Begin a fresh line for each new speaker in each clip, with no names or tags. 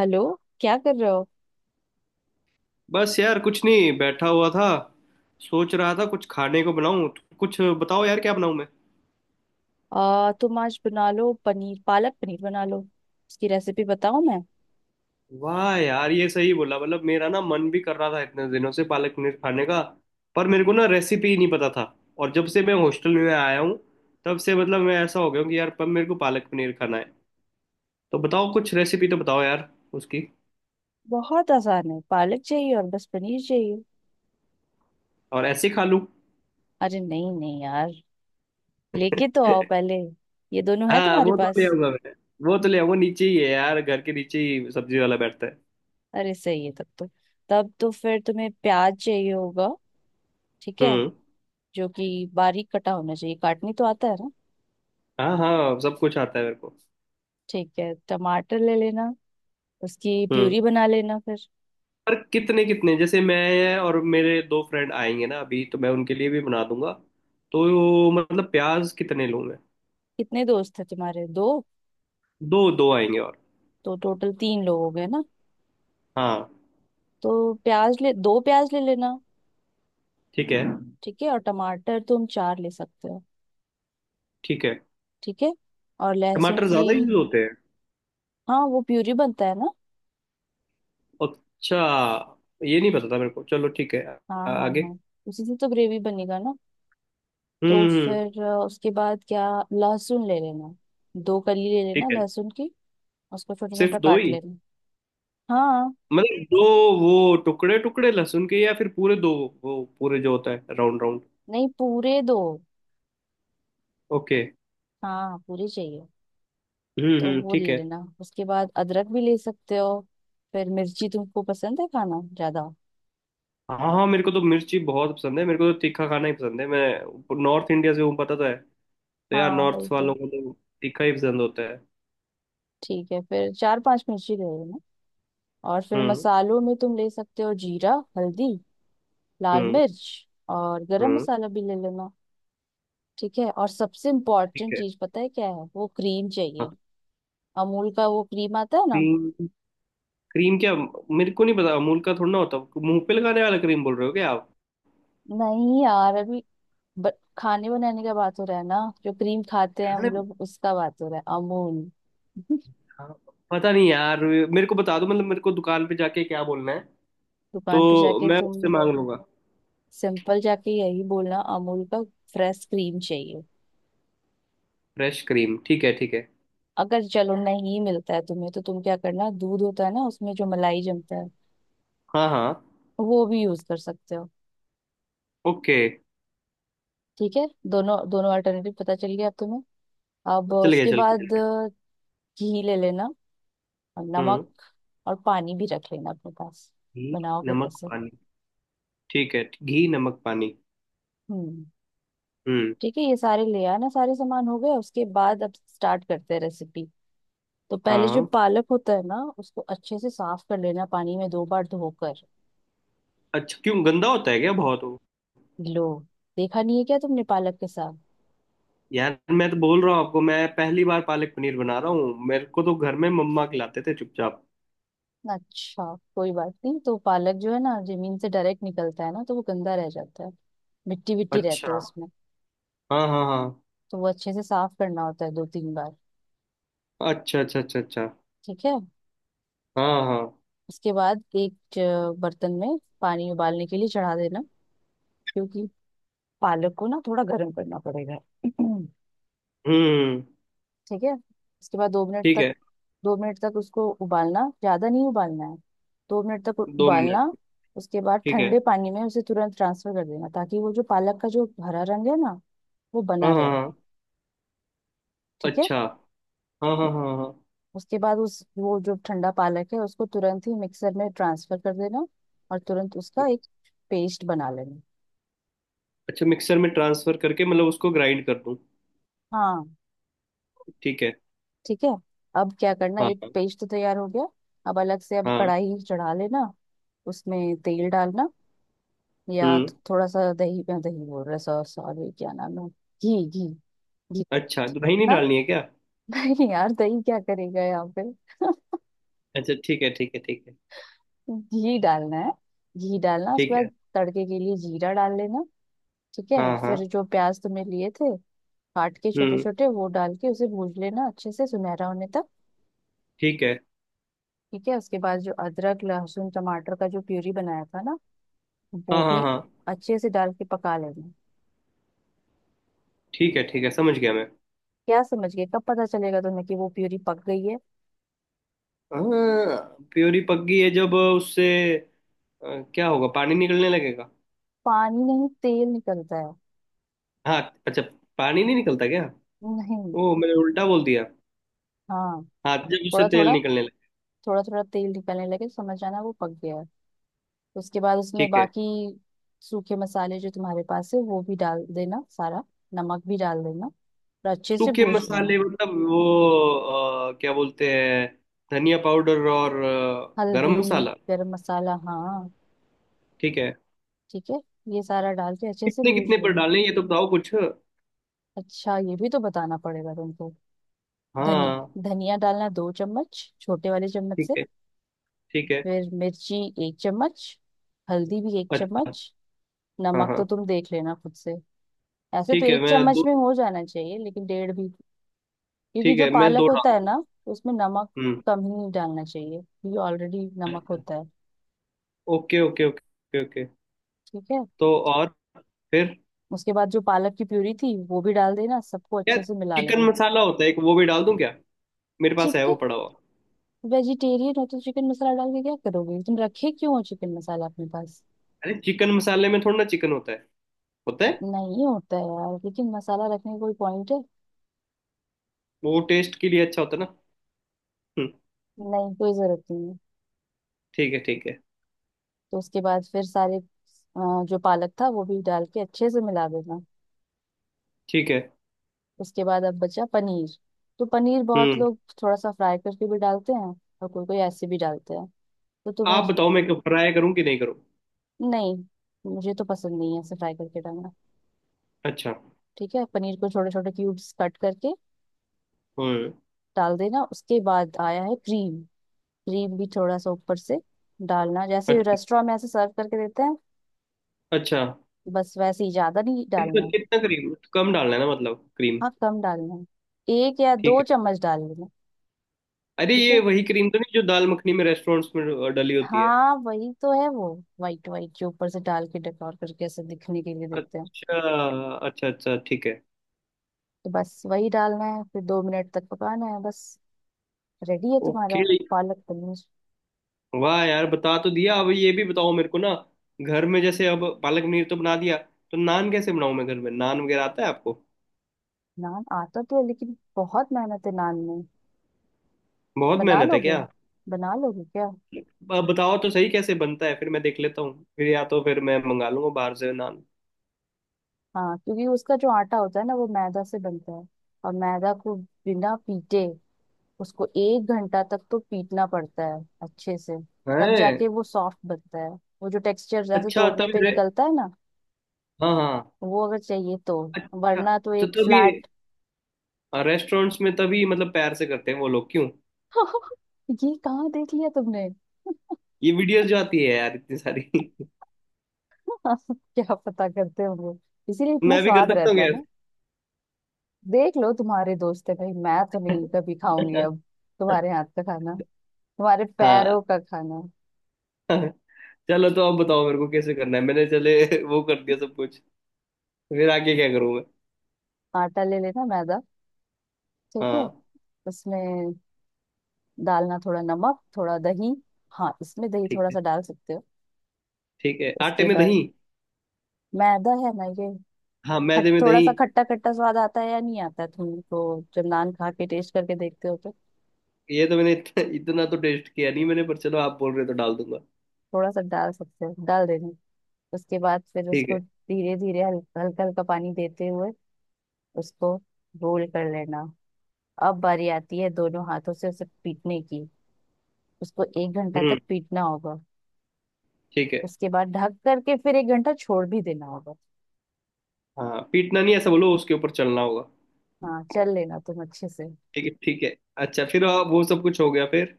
Hello. क्या कर रहे हो?
बस यार कुछ नहीं बैठा हुआ था। सोच रहा था कुछ खाने को बनाऊं, तो कुछ बताओ यार, क्या बनाऊं मैं।
तुम आज बना लो पनीर। पालक पनीर बना लो, उसकी रेसिपी बताऊं मैं।
वाह यार, ये सही बोला। मतलब मेरा ना मन भी कर रहा था इतने दिनों से पालक पनीर खाने का, पर मेरे को ना रेसिपी नहीं पता था। और जब से मैं हॉस्टल में आया हूँ तब से मतलब मैं ऐसा हो गया हूं कि यार, पर मेरे को पालक पनीर खाना है। तो बताओ कुछ रेसिपी, तो बताओ यार उसकी।
बहुत आसान है। पालक चाहिए और बस पनीर चाहिए।
और ऐसे ही खा लूं?
अरे नहीं नहीं यार, लेके तो आओ पहले। ये दोनों है
हाँ,
तुम्हारे
वो तो
पास?
ले आऊंगा मैं। वो तो ले आऊंगा, नीचे ही है यार, घर के नीचे ही सब्जी वाला बैठता है।
अरे सही है तब तो फिर तुम्हें प्याज चाहिए होगा। ठीक है।
हम्म।
जो कि बारीक कटा होना चाहिए। काटनी तो आता है ना?
हाँ हाँ, सब कुछ आता है मेरे को।
ठीक है। टमाटर ले लेना, उसकी
हम्म।
प्यूरी बना लेना फिर।
पर कितने कितने, जैसे मैं और मेरे दो फ्रेंड आएंगे ना अभी, तो मैं उनके लिए भी बना दूंगा। तो मतलब प्याज कितने लूं मैं?
कितने दोस्त है तुम्हारे? दो?
दो दो आएंगे और।
तो टोटल तीन लोग हो गए ना।
हाँ।
तो प्याज ले दो प्याज ले लेना।
ठीक है।
ठीक है। और टमाटर तुम चार ले सकते हो।
ठीक है।
ठीक है। और लहसुन
टमाटर
की।
ज्यादा यूज होते हैं?
हाँ, वो प्यूरी बनता है ना।
अच्छा, ये नहीं पता था मेरे को। चलो ठीक है।
हाँ हाँ
आगे।
हाँ। उसी से तो ग्रेवी बनेगा ना। तो
हम्म।
फिर, उसके बाद क्या, लहसुन ले लेना। दो कली ले लेना
ठीक है।
लहसुन की। उसको छोटा छोटा
सिर्फ दो
काट
ही?
लेना। हाँ।
मतलब दो, वो टुकड़े टुकड़े लहसुन के, या फिर पूरे दो? वो पूरे जो होता है राउंड राउंड।
नहीं, पूरे दो।
ओके।
हाँ, पूरे चाहिए। तो
हम्म,
वो
ठीक
ले
है।
लेना। उसके बाद अदरक भी ले सकते हो। फिर मिर्ची तुमको पसंद है खाना ज्यादा?
हाँ हाँ, मेरे को तो मिर्ची बहुत पसंद है। मेरे को तो तीखा खाना ही पसंद है। मैं नॉर्थ इंडिया से हूँ, पता तो है। तो यार
हाँ, वही
नॉर्थ
तो।
वालों को तो तीखा ही पसंद होता है।
ठीक है। फिर चार पांच मिर्ची ले लेना। और फिर
हम्म।
मसालों में तुम ले सकते हो जीरा, हल्दी, लाल
हम्म।
मिर्च। और गरम
हम्म।
मसाला भी ले लेना। ठीक है। और सबसे
ठीक
इम्पोर्टेंट
है।
चीज पता है क्या है? वो क्रीम
हाँ।
चाहिए। अमूल का वो क्रीम आता है ना।
क्रीम? क्रीम क्या? मेरे को नहीं पता अमूल का थोड़ा ना होता। मुंह पे लगाने वाला क्रीम बोल रहे हो क्या आप?
नहीं यार अभी, ब, खाने बनाने का बात हो रहा है ना। जो क्रीम खाते हैं
खाने?
हम लोग, उसका बात हो रहा है। अमूल।
हाँ, पता नहीं यार, मेरे को बता दो, मतलब मेरे को दुकान पे जाके क्या बोलना है,
दुकान पे
तो
जाके
मैं
तुम
उससे मांग लूंगा।
सिंपल जाके यही बोलना, अमूल का फ्रेश क्रीम चाहिए।
फ्रेश क्रीम, ठीक है ठीक है।
अगर चलो नहीं मिलता है तुम्हें, तो तुम क्या करना, दूध होता है ना, उसमें जो मलाई जमता है,
हाँ हाँ।
वो भी यूज कर सकते हो।
ओके।
ठीक है, दोनों दोनों अल्टरनेटिव पता चल गया अब तुम्हें। अब
चल गया
उसके
चल गया चल
बाद,
गया।
घी ले लेना। और नमक।
हम्म।
और पानी भी रख लेना अपने पास।
घी,
बनाओगे
नमक
कैसे?
पानी। ठीक है, घी नमक पानी।
हम्म।
हम्म।
ठीक है। ये सारे ले आना। सारे सामान हो गए। उसके बाद अब स्टार्ट करते हैं रेसिपी। तो
हाँ
पहले जो
हाँ।
पालक होता है ना, उसको अच्छे से साफ कर लेना, पानी में 2 बार धोकर।
अच्छा, क्यों गंदा होता है क्या बहुत वो?
लो, देखा नहीं है क्या तुमने पालक के साथ?
यार मैं तो बोल रहा हूँ आपको, मैं पहली बार पालक पनीर बना रहा हूँ। मेरे को तो घर में मम्मा खिलाते थे चुपचाप।
अच्छा, कोई बात नहीं। तो पालक जो है ना, जमीन से डायरेक्ट निकलता है ना, तो वो गंदा रह जाता है। मिट्टी विट्टी रहते हैं
अच्छा।
उसमें।
हाँ हाँ हाँ।
तो वो अच्छे से साफ करना होता है 2-3 बार।
अच्छा अच्छा अच्छा अच्छा।
ठीक है।
हाँ हाँ।
उसके बाद एक बर्तन में पानी उबालने के लिए चढ़ा देना। क्योंकि पालक को ना थोड़ा गर्म करना पड़ेगा।
हम्म।
ठीक है। उसके बाद
ठीक है।
दो मिनट तक उसको उबालना। ज्यादा नहीं उबालना है। 2 मिनट तक
दो
उबालना।
मिनट।
उसके बाद
ठीक है।
ठंडे पानी में उसे तुरंत ट्रांसफर कर देना, ताकि वो जो पालक का जो हरा रंग है ना, वो बना
हाँ
रहे।
हाँ हाँ।
ठीक है।
अच्छा। हाँ
उ-
हाँ हाँ हाँ।
उसके बाद उस वो जो ठंडा पालक है, उसको तुरंत ही मिक्सर में ट्रांसफर कर देना। और तुरंत उसका एक पेस्ट बना लेना।
अच्छा, मिक्सर में ट्रांसफर करके मतलब उसको ग्राइंड कर दूँ?
हाँ।
ठीक है।
ठीक है। अब क्या करना,
हाँ
एक
हाँ।
पेस्ट तो तैयार हो गया। अब अलग से, अब
हाँ।
कढ़ाई चढ़ा लेना। उसमें तेल डालना। या
हम्म।
थोड़ा सा दही, दही बोल रहा, सॉरी, क्या नाम है, घी घी घी
अच्छा तो दही नहीं
ना।
डालनी है क्या?
नहीं यार, दही क्या करेगा यहाँ पे।
अच्छा ठीक है ठीक है ठीक है।
घी डालना है। घी डालना। उसके
ठीक
बाद
है।
तड़के के लिए जीरा डाल लेना। ठीक है।
हाँ
फिर
हाँ।
जो प्याज तुमने लिए थे, काट के छोटे
हम्म।
छोटे, वो डाल के उसे भून लेना अच्छे से सुनहरा होने तक।
ठीक है।
ठीक है। उसके बाद जो अदरक लहसुन टमाटर का जो प्यूरी बनाया था ना, वो
हाँ हाँ
भी
हाँ।
अच्छे से डाल के पका लेना।
ठीक है ठीक है, समझ गया मैं।
क्या समझ गए? कब पता चलेगा तुम्हें कि वो प्यूरी पक गई है?
हाँ, प्योरी पक गई है जब उससे क्या होगा, पानी निकलने लगेगा।
पानी नहीं, तेल निकलता है।
हाँ। अच्छा, पानी नहीं निकलता क्या?
नहीं।
ओ, मैंने उल्टा बोल दिया।
हाँ।
हाँ, जब उससे
थोड़ा
तेल
थोड़ा।
निकलने लगे।
थोड़ा थोड़ा तेल निकलने लगे तो समझ आना वो पक गया है। उसके बाद उसमें
ठीक है।
बाकी सूखे मसाले जो तुम्हारे पास है, वो भी डाल देना सारा। नमक भी डाल देना और अच्छे से
सूखे
भूज लेना।
मसाले मतलब वो क्या बोलते हैं, धनिया पाउडर और
हल्दी।
गरम मसाला।
गरम मसाला, हाँ।
ठीक है।
ठीक है। ये सारा डाल के अच्छे से
कितने
भूज
कितने पर
लेना।
डालें, ये तो बताओ कुछ।
अच्छा, ये भी तो बताना पड़ेगा तुमको।
हाँ।
धनिया, धनिया डालना 2 चम्मच, छोटे वाले चम्मच
ठीक
से।
है। ठीक है।
फिर मिर्ची, 1 चम्मच। हल्दी भी एक
अच्छा।
चम्मच
हाँ
नमक
हाँ।
तो तुम देख लेना खुद से। ऐसे तो
ठीक है,
एक
मैं
चम्मच
दो,
में हो जाना चाहिए, लेकिन डेढ़ भी। क्योंकि
ठीक
जो
है मैं
पालक
दो
होता है
डाल
ना, उसमें नमक
दूँ?
कम ही नहीं डालना चाहिए, क्योंकि ऑलरेडी नमक
अच्छा।
होता है।
Okay okay okay okay.
ठीक है।
तो और फिर,
उसके बाद जो पालक की प्यूरी थी वो भी डाल देना, सबको
यार
अच्छे से मिला
चिकन
लेना।
मसाला होता है एक, वो भी डाल दूं क्या? मेरे पास है वो
चिकन?
पड़ा हुआ।
वेजिटेरियन हो तो चिकन मसाला डाल के क्या करोगे? तुम रखे क्यों हो चिकन मसाला अपने पास?
अरे, चिकन मसाले में थोड़ा ना चिकन होता है। होता है,
नहीं होता है यार, लेकिन मसाला रखने का कोई पॉइंट है?
वो टेस्ट के लिए अच्छा होता है ना। हम्म।
नहीं, कोई जरूरत नहीं है।
ठीक है ठीक है।
तो उसके बाद फिर सारे, जो पालक था वो भी डाल के अच्छे से मिला देना।
ठीक है।
उसके बाद अब बचा पनीर। तो पनीर बहुत
हम्म।
लोग थोड़ा सा फ्राई करके भी डालते हैं। और कोई कोई ऐसे भी डालते हैं। तो तुम्हें।
आप बताओ मैं फ्राई करूं कि नहीं करूं?
नहीं, मुझे तो पसंद नहीं है ऐसे फ्राई करके डालना।
अच्छा।
ठीक है। पनीर को छोटे छोटे क्यूब्स कट करके
हम्म।
डाल देना। उसके बाद आया है क्रीम। क्रीम भी थोड़ा सा ऊपर से डालना, जैसे
अच्छा।
रेस्टोरेंट में ऐसे सर्व करके देते हैं।
अच्छा।
बस वैसे ही, ज्यादा नहीं
कितना
डालना है।
कितना क्रीम, कम डालना है ना मतलब क्रीम?
हाँ, कम डालना है। एक या
ठीक
दो
है।
चम्मच डाल लेना।
अरे
ठीक
ये
है।
वही क्रीम तो नहीं जो दाल मखनी में रेस्टोरेंट्स में डली होती है?
हाँ, वही तो है वो। वाइट वाइट जो ऊपर से डाल के डेकोर करके ऐसे दिखने के लिए देते हैं।
अच्छा। अच्छा अच्छा, ठीक है।
तो बस वही डालना है, फिर 2 मिनट तक पकाना है बस। रेडी है तुम्हारा
ओके।
पालक पनीर।
वाह यार, बता तो दिया। अब ये भी बताओ मेरे को ना, घर में जैसे अब पालक पनीर तो बना दिया, तो नान कैसे बनाऊं मैं? घर में नान वगैरह आता है आपको?
नान आता तो है, लेकिन बहुत मेहनत है नान में।
बहुत
बना
मेहनत है
लोगे?
क्या?
बना लोगे क्या?
अब बताओ तो सही कैसे बनता है, फिर मैं देख लेता हूँ, फिर या तो फिर मैं मंगा लूंगा बाहर से नान।
हाँ, क्योंकि उसका जो आटा होता है ना, वो मैदा से बनता है। और मैदा को बिना पीटे, उसको 1 घंटा तक तो पीटना पड़ता है अच्छे से। तब
है।
जाके वो सॉफ्ट बनता है। वो जो टेक्सचर जैसे
अच्छा
तोड़ने
तभी
पे निकलता है ना,
हाँ हाँ।
वो अगर चाहिए तो।
अच्छा,
वरना तो
तो
एक
तभी
फ्लैट।
रेस्टोरेंट्स में, तभी मतलब पैर से करते हैं वो लोग क्यों?
ये कहाँ देख लिया तुमने?
ये वीडियोस जो आती है यार इतनी सारी।
क्या पता करते होंगे। इसीलिए इतना
मैं भी कर
स्वाद
सकता हूँ
रहता है
क्या?
ना। देख लो, तुम्हारे दोस्त है भाई, मैं तो नहीं कभी खाऊंगी
ऐसे?
अब। तुम्हारे हाथ का खाना, तुम्हारे
हाँ।
पैरों का खाना।
चलो तो अब बताओ मेरे को कैसे करना है। मैंने चले वो कर दिया सब कुछ, फिर आगे क्या करूं मैं?
आटा ले लेना, मैदा। ठीक है।
हाँ।
उसमें डालना थोड़ा नमक, थोड़ा दही। हाँ, इसमें दही
ठीक
थोड़ा
है।
सा डाल सकते हो।
ठीक है, आटे
उसके
में दही।
बाद मैदा है ना ये।
हाँ,
खट
मैदे में
थोड़ा
दही।
सा खट्टा खट्टा स्वाद आता है या नहीं आता है? तुम तो जब नान खा के टेस्ट करके देखते हो तो।
ये तो मैंने इतना तो टेस्ट किया नहीं मैंने, पर चलो आप बोल रहे हो तो डाल दूंगा।
थोड़ा सा डाल सकते हो, डाल देना। उसके बाद फिर
ठीक है।
उसको धीरे धीरे, हल्का हल्का पानी देते हुए, उसको रोल कर लेना। अब बारी आती है दोनों हाथों से उसे पीटने की। उसको एक घंटा
हम्म।
तक पीटना होगा।
ठीक है।
उसके बाद ढक करके फिर 1 घंटा छोड़ भी देना होगा।
हाँ, पीटना नहीं ऐसा बोलो, उसके ऊपर चलना होगा।
हाँ, चल लेना तुम अच्छे से।
ठीक है ठीक है। अच्छा फिर आप, वो सब कुछ हो गया फिर?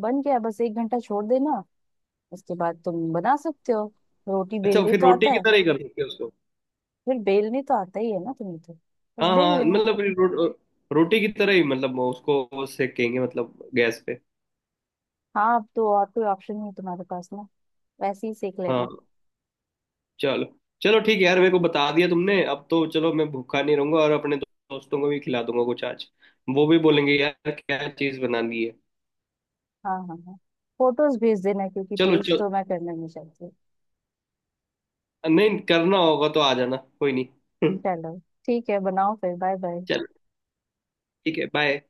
बन गया, बस 1 घंटा छोड़ देना। उसके बाद तुम बना सकते हो। रोटी
अच्छा,
बेलने
फिर
तो
रोटी
आता
की
है?
तरह ही कर सकते हैं उसको?
फिर बेलनी तो आता ही है ना तुम्हें तो। बस
हाँ
बेल
हाँ,
लेना।
मतलब फिर रोटी की तरह ही, मतलब उसको सेकेंगे मतलब गैस पे।
हाँ, अब तो और कोई ऑप्शन नहीं है तुम्हारे पास ना। वैसे ही सेक
हाँ।
लेना।
चलो। चलो ठीक है यार, मेरे को बता दिया तुमने, अब तो चलो मैं भूखा नहीं रहूंगा और अपने दोस्तों को भी खिला दूंगा कुछ आज। वो भी बोलेंगे यार क्या चीज बनानी है।
हाँ हाँ हाँ। फोटोज भेज देना, क्योंकि
चलो
टेस्ट
चलो,
तो मैं करना नहीं चाहती।
नहीं करना होगा तो आ जाना, कोई नहीं।
चलो, ठीक है, बनाओ फिर। Bye bye.
चलो ठीक है, बाय।